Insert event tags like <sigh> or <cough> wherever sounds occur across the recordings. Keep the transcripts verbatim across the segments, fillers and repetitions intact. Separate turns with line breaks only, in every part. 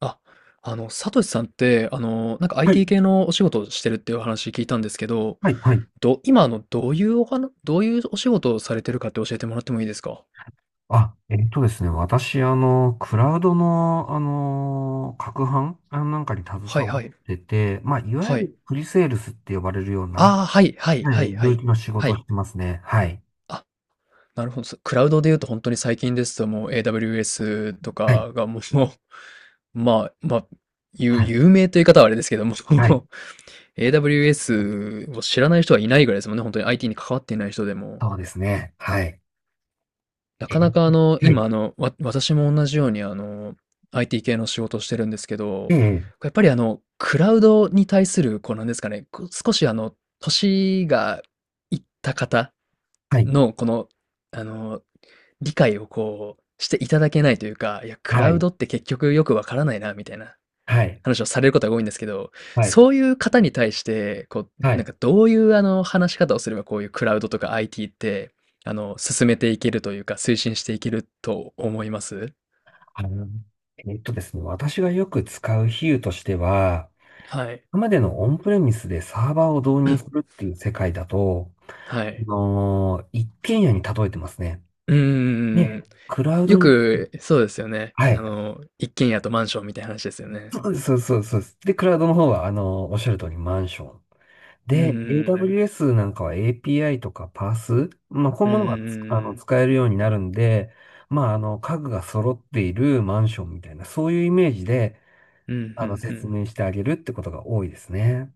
あ、あの、サトシさんって、あの、なんか
はい、
アイティー 系のお仕事をしてるっていうお話聞いたんですけど、
はい、はい。
ど、今、あの、どういうお話、どういうお仕事をされてるかって教えてもらってもいいですか？
あ、えっとですね、私、あの、クラウドの、あの、攪拌あなんかに携
はい、
わ
は
っ
い。
てて、まあ、いわゆ
はい。
るプリセールスって呼ばれるような、
ああ、はい、はい、
は
はい、
い、
は
領
い。
域の仕
は
事を
い。
してますね。はい。
あ、なるほど。そクラウドで言うと本当に最近ですともう エーダブリューエス と
はい、
かがもう、<laughs> まあ、まあ、有、
はい、
有名という言い方はあれですけども、
はい。
<laughs> エーダブリューエス を知らない人はいないぐらいですもんね。本当に アイティー に関わっていない人でも。
そうですね。はい。
な
え
かな
ー、
かあの、
は
今
い。
あの、わ、私も同じようにあの、アイティー 系の仕事をしてるんですけ
え
ど、
え、
やっぱりあの、クラウドに対する、こうなんですかね、こう少しあの、年がいった方
はい、
の、この、あの、理解をこう、していただけないというか、いや、ク
は
ラウ
い、
ドって結局よくわからないな、みたいな
はい、
話をされることが多いんですけど、
はい、
そういう方に対して、こう、
は
なん
い。
かどういうあの話し方をすればこういうクラウドとか アイティー って、あの、進めていけるというか、推進していけると思います？
あの、えっとですね、私がよく使う比喩としては、
はい。
今までのオンプレミスでサーバーを導入するっていう世界だと、
は
あ
い。
のー一軒家に例えてますね。
うん
ね、
ん、
クラウ
よ
ドに、
く、そうですよね。
は
あ
い。
の、一軒家とマンションみたいな話ですよね。
そうそうそうそうです。で、クラウドの方は、あのーおっしゃる通りマンション。
うん、う
で、
ん、
エーダブリューエス なんかは エーピーアイ とかパース、まあ、こう
う
いう
ん、
ものがつあの
うん。
使えるようになるんで、まあ、あの、家具が揃っているマンションみたいな、そういうイメージで、
うん、う
あの、
ん、う
説
ん。
明してあげるってことが多いですね。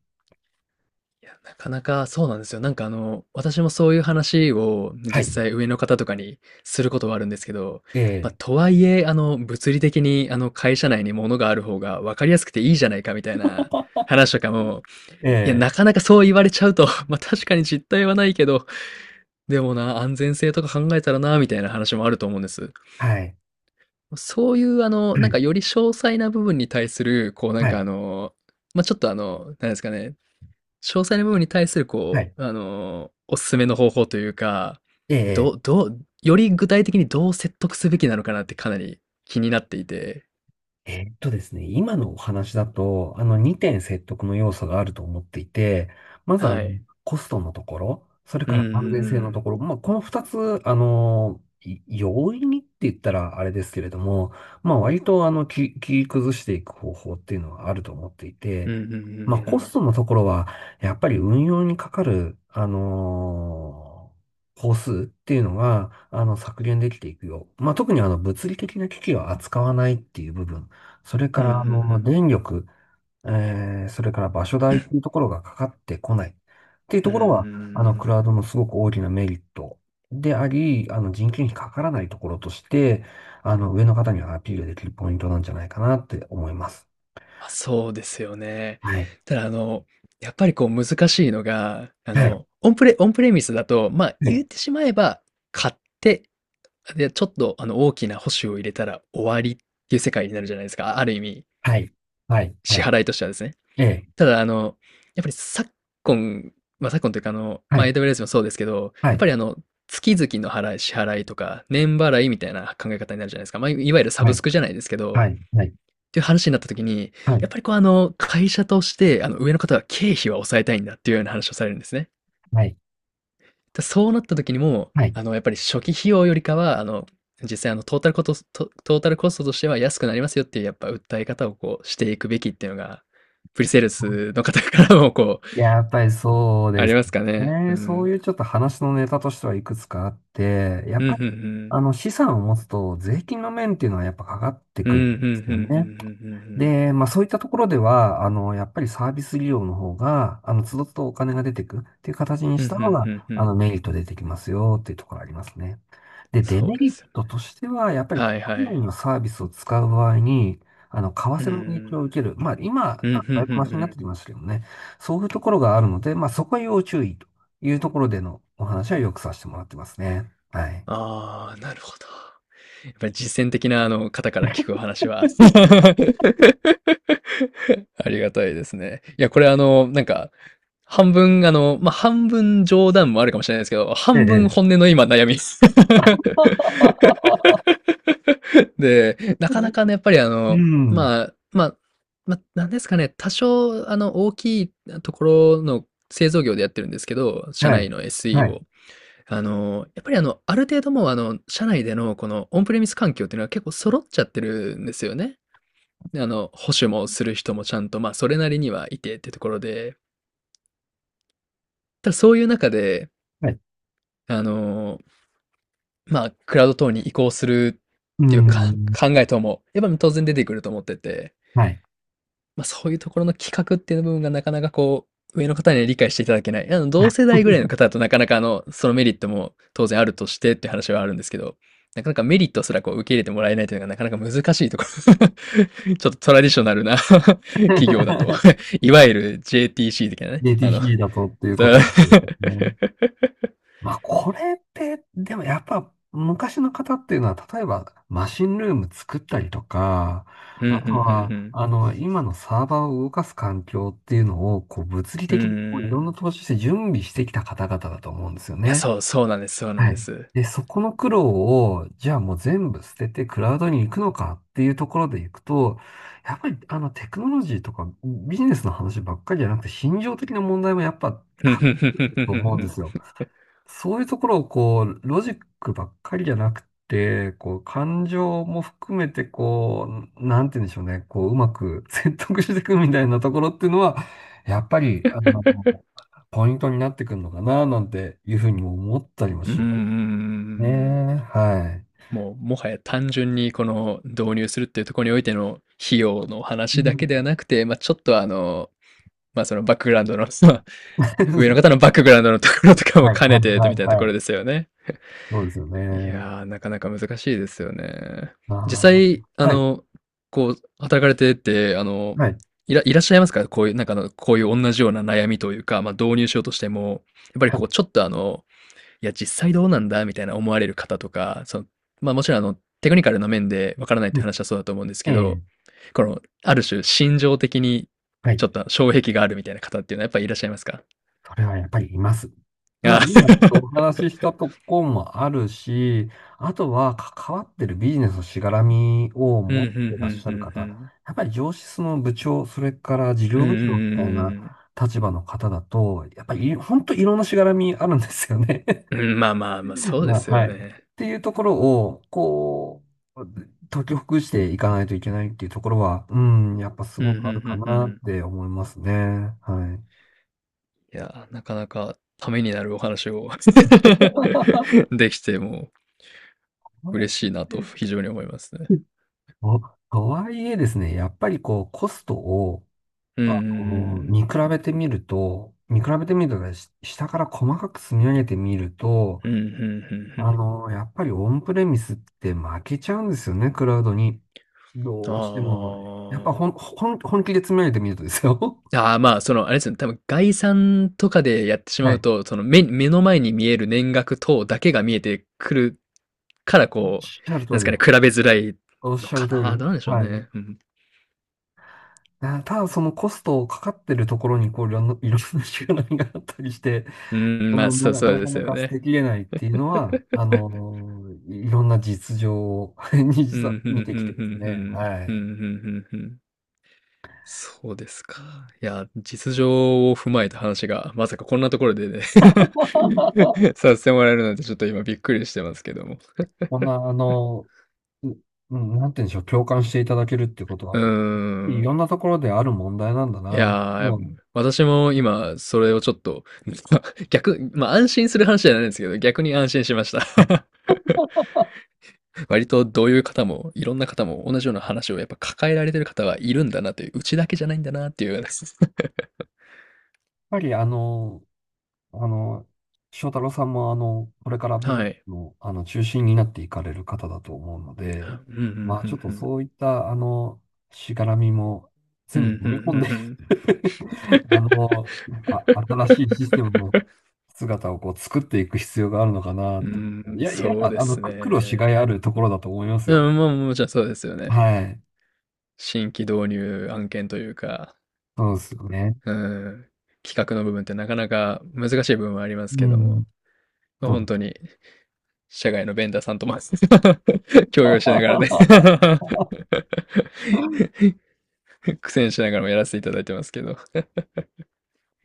いや、なかなかそうなんですよ。なんかあの、私もそういう話を
は
実
い。
際上の方とかにすることはあるんですけど、
え
まあ、
え、
とはいえ、あの、物理的にあの、会社内に物がある方が分かりやすくていいじゃないかみたいな話とかも、
え
いや、
え、
なかなかそう言われちゃうと、<laughs> ま、確かに実態はないけど、でもな、安全性とか考えたらな、みたいな話もあると思うんです。
はい。
そういうあの、
は
なん
い。
かより詳細な部分に対する、こうなん
は
か
い。
あの、まあ、ちょっとあの、なんですかね、詳細な部分に対する、
は
こ
い。
う、あのーおすすめの方法というか、
え
ど
え。
う、どう、より具体的にどう説得すべきなのかなってかなり気になっていて、
えーっとですね、今のお話だと、あのにてん説得の要素があると思っていて、まずあの
はい。
コストのところ、それ
うん、
か
うん、う
ら安全性の
ん。
ところ、まあ、このふたつ、あの、い容易にって言ったらあれですけれども、まあ、割とあのき切り崩していく方法っていうのはあると思ってい
う
て、
ん、うん、う
まあ、
ん、う
コス
ん。
トのところは、やっぱり運用にかかる、あの工数っていうのが、あの、削減できていくよう。まあ、特にあの、物理的な機器を扱わないっていう部分、それ
う
か
ん、うん、う
ら、あの、
ん。
電力、えー、それから場所代っていうところがかかってこないっていう
うん、
と
うん、
こ
う
ろ
ん、うん、うん、うん、
は、
う
あの、ク
ん、
ラウドのすごく大きなメリットであり、あの、人件費かからないところとして、あの、上の方にはアピールできるポイントなんじゃないかなって思います。
まあ、そうですよね。
はい。
ただ、あの、やっぱりこう難しいのが、あ
はい。
の、オンプレ、オンプレミスだと、まあ
は
言
い。
ってしまえば、買って、で、ちょっとあの大きな保守を入れたら終わりっていう世界になるじゃないですか。あある意味。
はい。はい。は
支
い。
払いとしてはですね。
ええ。
ただ、あの、やっぱり昨今、まあ、昨今というか、あの、
は
まあ、
い。
エーダブリューエス もそうですけど、
は
やっ
い。
ぱりあの、月々の払い、支払いとか、年払いみたいな考え方になるじゃないですか。まあ、いわゆるサ
は
ブス
い。
クじゃないですけど、っ
はい。はい。
ていう話になった時に、
は
や
い。
っぱりこう、あの、会社として、あの、上の方は経費は抑えたいんだっていうような話をされるんですね。
はい。
で、そうなった時にも
はい。
あの、やっぱり初期費用よりかは、あの、実際あのトータルコトスト、トータルコストとしては安くなりますよっていうやっぱ訴え方をこうしていくべきっていうのが、プリセールスの方からもこう、
やっぱりそう
あ
で
り
す
ますかね。う
ね。そう
ん。
いうちょっと話のネタとしてはいくつかあって、やっ
うん、
ぱ
ふ
り、
ん、ふん。
あの、資産を持つと税金の面っていうのはやっぱかかって
う
くるんで
ん、ふん、ふん、
す
ふ
よ
ん、ふ
ね。
ん、ふん、ふん。
で、まあそういったところでは、あの、やっぱりサービス利用の方が、あの、都度都度お金が出てくっていう形に
ふ
し
ん、
た
ふ
方
ん、ふ
が、
ん、ふ
あ
ん。
の、メリット出てきますよっていうところありますね。で、デメ
そうで
リッ
すよね。
トとしては、やっぱり
は
国
い、は
内
い。
のサービスを使う場合に、あの、為
うん、
替の影響を受ける。まあ今、
うん、うん。うん、
あ
ふ
だ
ん、
いぶ
ふん、
マシ
ふ
になっ
ん。
てきましたけどね。そういうところがあるので、まあそこは要注意というところでのお話はよくさせてもらってますね。はい。
ああ、なるほど。やっぱり実践的なあの方から聞くお話は。<laughs> ありがたいですね。いや、これあの、なんか、半分あの、まあ、半分冗談もあるかもしれないですけど、
え
半分
え。
本音の今悩み。<laughs> で、なかなかね、やっぱりあ
う
の、
ん。
まあ、まあ、まあ、なんですかね、多少あの、大きいところの製造業でやってるんですけど、社
は
内
い。
の
は
エスイー
い。
を。あの、やっぱりあの、ある程度もうあの、社内でのこのオンプレミス環境っていうのは結構揃っちゃってるんですよね。で、あの、保守もする人もちゃんと、まあ、それなりにはいてってところで、ただそういう中で、
はい。
あの、まあ、クラウド等に移行する
う
っていうか
ん。
考え等も、やっぱり当然出てくると思ってて、
はい。
まあ、そういうところの企画っていう部分がなかなかこう、上の方には理解していただけない。あの、同世代ぐらいの
<laughs>
方だとなかなかあの、そのメリットも当然あるとしてっていう話はあるんですけど、なかなかメリットすらこう受け入れてもらえないというのがなかなか難しいところ。<laughs> ちょっとトラディショナルな <laughs> 企業だと
<laughs>
<laughs> いわゆる ジェーティーシー 的なね。
で、d
あ
t
の、
ーシーだと
<laughs>
っていうことですね。まあ、これって、でもやっぱ昔の方っていうのは、例えばマシンルーム作ったりとか、
うん、うん、
あ
うん、
と
う
は、
ん。
あの、今のサーバーを動かす環境っていうのを、こう、物理
う
的にこういろん
ん。
な投資して準備してきた方々だと思うんですよ
いや、
ね。
そう、そうなんです、そうなん
は
で
い。
す。
で、そこの苦労を、じゃあもう全部捨ててクラウドに行くのかっていうところで行くと、やっぱりあのテクノロジーとかビジネスの話ばっかりじゃなくて、心情的な問題もやっぱ
うん、
関
う
係すると思うんで
ん。
すよ。そういうところをこう、ロジックばっかりじゃなくて、こう、感情も含めてこう、なんて言うんでしょうね、こう、うまく <laughs> 説得していくみたいなところっていうのは、やっぱり、あの、ポイントになってくるのかな、なんていうふうにも思ったりも
うん、
し
うん、う
ます。ね
ん。
え、は
もう、もはや単純にこの導入するっていうところにおいての費用の
い。う
話だけでは
ん。
なくて、まあ、ちょっとあの、まあ、そのバックグラウンドの、<laughs> まあ上の方
<laughs>
のバックグラウンドのところとかも
はい、はい、
兼ねて
は
みたいなと
い、は
ころ
い。
ですよね。
そうですよ
い
ね。
やー、なかなか難しいですよね。
あ
実際、あ
あ、はい、
の、こう、働かれてて、あの、
はい、
いら、いらっしゃいますか、こういう、なんかあの、こういう同じような悩みというか、まあ、導入しようとしても、やっぱり
は
こ
い。
う、ちょっとあの、いや、実際どうなんだみたいな思われる方とか、その、まあもちろんあの、テクニカルな面でわからないって
う
いう
ん、
話はそうだと思うんですけ
え
ど、
え、
この、ある種、心情的に、
は
ち
い。
ょっと障壁があるみたいな方っていうのはやっぱりいらっしゃいますか？
それはやっぱりいます。まあ、
あ
今ちょっとお
ー、
話ししたとこもあるし、あとは関わってるビジネスのしがらみを
うん、<laughs> う
持
ん、うん、う
ってらっしゃる
ん、
方、
うん。
やっぱり上司の部長、それから事
う
業
ん、う
部長みたいな
ん、うん、
立場の方だと、やっぱりい本当いろんなしがらみあるんですよね。
うん。うん、まあ、まあ、まあ、そうで
まあ、
すよ
はい。っ
ね。
ていうところを、こう、解きほぐしていかないといけないっていうところは、うん、やっぱす
うん、
ご
う
くあるか
ん、うん、う
なっ
ん。
て思いますね。はい。
いや、なかなかためになるお話を <laughs>
<laughs>
できて、もう嬉しいなと非常に思いますね。
と、とはいえですね、やっぱりこう、コストを、
うん、う
あ
ん、う
の、
ん。
見比べてみると、見比べてみるとね、し下から細かく積み上げてみると、
うん、うん、うん、う
あ
ん、
の、やっぱりオンプレミスって負けちゃうんですよね、クラウドに。どうしても。やっぱ
あ
ほん、ほん、本気で詰められてみるとですよ。
あああ、まあ、その、あれですね、多分概算とかでやって
<laughs>
しま
は
う
い。
と、その目、目の前に見える年額等だけが見えてくるから、
おっ
こう、
しゃる通
なんですか
り。
ね、比べづらい
おっ
の
しゃる
か
通
な。
り。
どうなんでしょう
はい。
ね。うん、
だただそのコストをかかってるところに、こう、いろんな、いろんなしがらみがあったりして、
うん、
こ
まあ、
の
そ
な
う、
か、
そう
な
で
か
す
な
よ
か捨て
ね。
きれないっていうのは、あのいろんな実情を <laughs> に
う
実は
ん、うん、うん、うん、う
見
ん、
て
う
きてですね。
ん、
は
う
い。
ん、うん。そうですか。
うん、
いや、実情を踏まえた話が、まさかこんなところでね <laughs> させてもらえるなんて、ちょっと今びっくりしてますけども。
こんな、あの、ううん、なんて言うんでしょう、共感していただけるってこと
う
は、
ー
いろ
ん。
んなところである問題なんだ
い
な。
やー、
もう、
私も今、それをちょっと、<laughs> 逆、まあ安心する話じゃないんですけど、逆に安心しまし
やっ
た。<laughs> 割とどういう方も、いろんな方も同じような話をやっぱ抱えられてる方はいるんだなという、うちだけじゃないんだなっていう。<laughs>
ぱりあの、あの、翔太郎さんもあの、これから
は
美
い。
の、あの中心になっていかれる方だと思うの
う
で、
ん、ふん、う
まあちょっ
ん、
と
うん、うん。
そういったあの、しがらみも
うん、う
全部飲み込んで
ん、うんん、
<laughs> あの、あ、新しいシステムの姿をこう作っていく必要があるのかな
う
って。い
ん、
や、いや、
そうで
あの、
す
く苦労しがい
ね。
あるところだと思います
う
よ。
ん、まあ、もちろんそうですよね。
はい。
新規導入案件というか、
そうですよね。
うん、企画の部分ってなかなか難しい部分はあります
う
けども、
ん。
ま
そうです。
あ、に社外のベンダーさんとも <laughs> 共用しながらね
<laughs>
<laughs> 苦戦しながらもやらせていただいてますけど。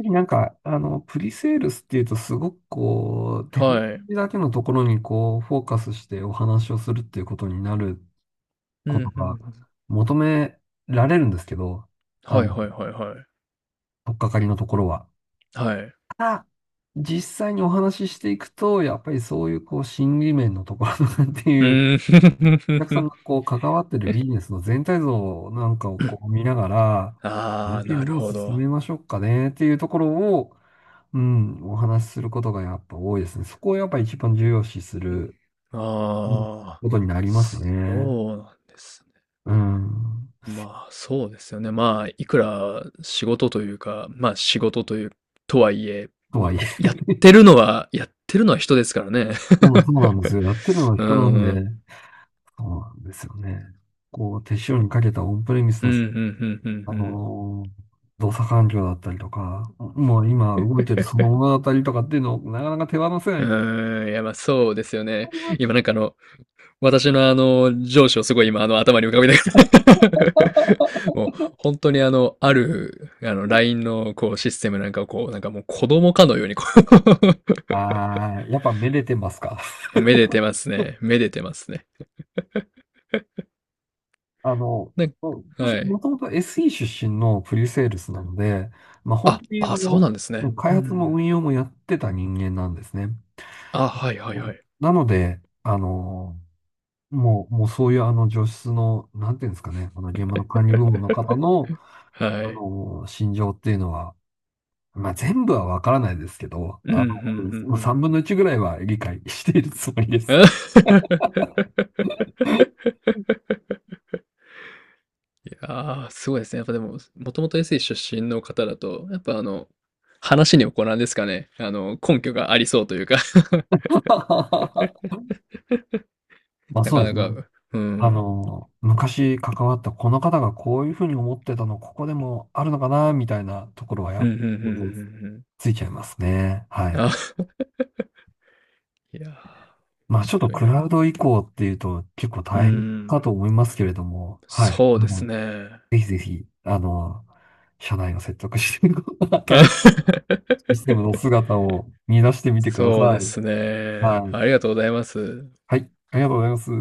なんか、あの、プリセールスっていうと、すごくこう、テクノロ
はい。
ジーだけのところにこう、フォーカスしてお話をするっていうことになる
う
こと
ん、うん、う
が
ん、
求められるんですけど、あ
はい、
の、
はい、はい、はい。
取っかかりのところは。
はい。
あ、実際にお話ししていくと、やっぱりそういうこう、心理面のところとかって
う
いう、お客さ
ー
ん
ん
がこう、関わってるビジネスの全体像なんかをこう、見ながら、
<laughs>。あ
案
あ、な
件
る
どう
ほ
進
ど。
めましょうかねっていうところを、うん、お話しすることがやっぱ多いですね。そこをやっぱ一番重要視する、うん、
あ
こと
あ、
になりますね。
そうなんですね。
うん。
まあ、そうですよね。まあ、いくら仕事というか、まあ、仕事という、とはいえ、
と
ま
は
あ、
いえ、
やってるのは、やってるのは人ですからね。
もうそうなんですよ。やってるのは
<laughs> う
人なんで、
ん。
そうなんですよね。こう、手
そ
塩
こ
に
の
かけたオンプレミス
う
の
ん、う
し、
ん、うん、うん、
あ
うん。
のー動作環境だったりとか、もう今動いてるそのものだったりとかっていうのをなかなか手放せ
う
ない。
ーん、いや、まあ、そうですよね。今なんかあの、私のあの、上司をすごい今あの、頭に浮かべながら <laughs> もう、本当にあの、ある、あの、ライン のこう、システムなんかをこう、なんかもう子供かのようにこ
ああ、やっぱめでてますか。
う <laughs> めでてますね。めでてますね。
あの、
なん
まあ私
はい。
もともと エスイー 出身のプリセールスなので、まあ、本
あ、
当にあ
あ、そうな
の、
んです
も
ね。
う
う
開発も
ん、
運用もやってた人間なんですね。
あ、はい、はい、はい。
なので、あの、もう、もうそういうあの上質の、なんていうんですかね、あの現場の管理部門の方の、
は
あ
い。
の、心情っていうのは、まあ、全部はわからないですけど、
うん、う
あ
ん、ふん、
の、
ふ
3
ん。
分のいちぐらいは理解しているつもりです。
<laughs> ああ、すごいですね。やっぱでも、もともと エスイー 出身の方だと、やっぱあの、話にはこうなんですかね。あの、根拠がありそうというか <laughs>
<laughs> まあ
な
そう
か
で
な
すね。
か、う
あ
ん。
の、昔関わったこの方がこういうふうに思ってたの、ここでもあるのかな、みたいなところはや
うん、
っ
うん、うん、う
ぱ
ん、うん、
ついちゃいますね。は
うん。
い。
あ、いやー、
ま
面
あちょっと
白い
ク
な。
ラウド移行っていうと結構
う
大変か
ん、
と思いますけれども、はい。
そう
あ
です
の、
ね。
ぜひぜひ、あの、社内を説得して、<laughs> 新しいシステムの
<laughs>
姿を見出してみてくだ
そう
さ
で
い。
すね。
はい。
ありがとうございます。
はい。ありがとうございます。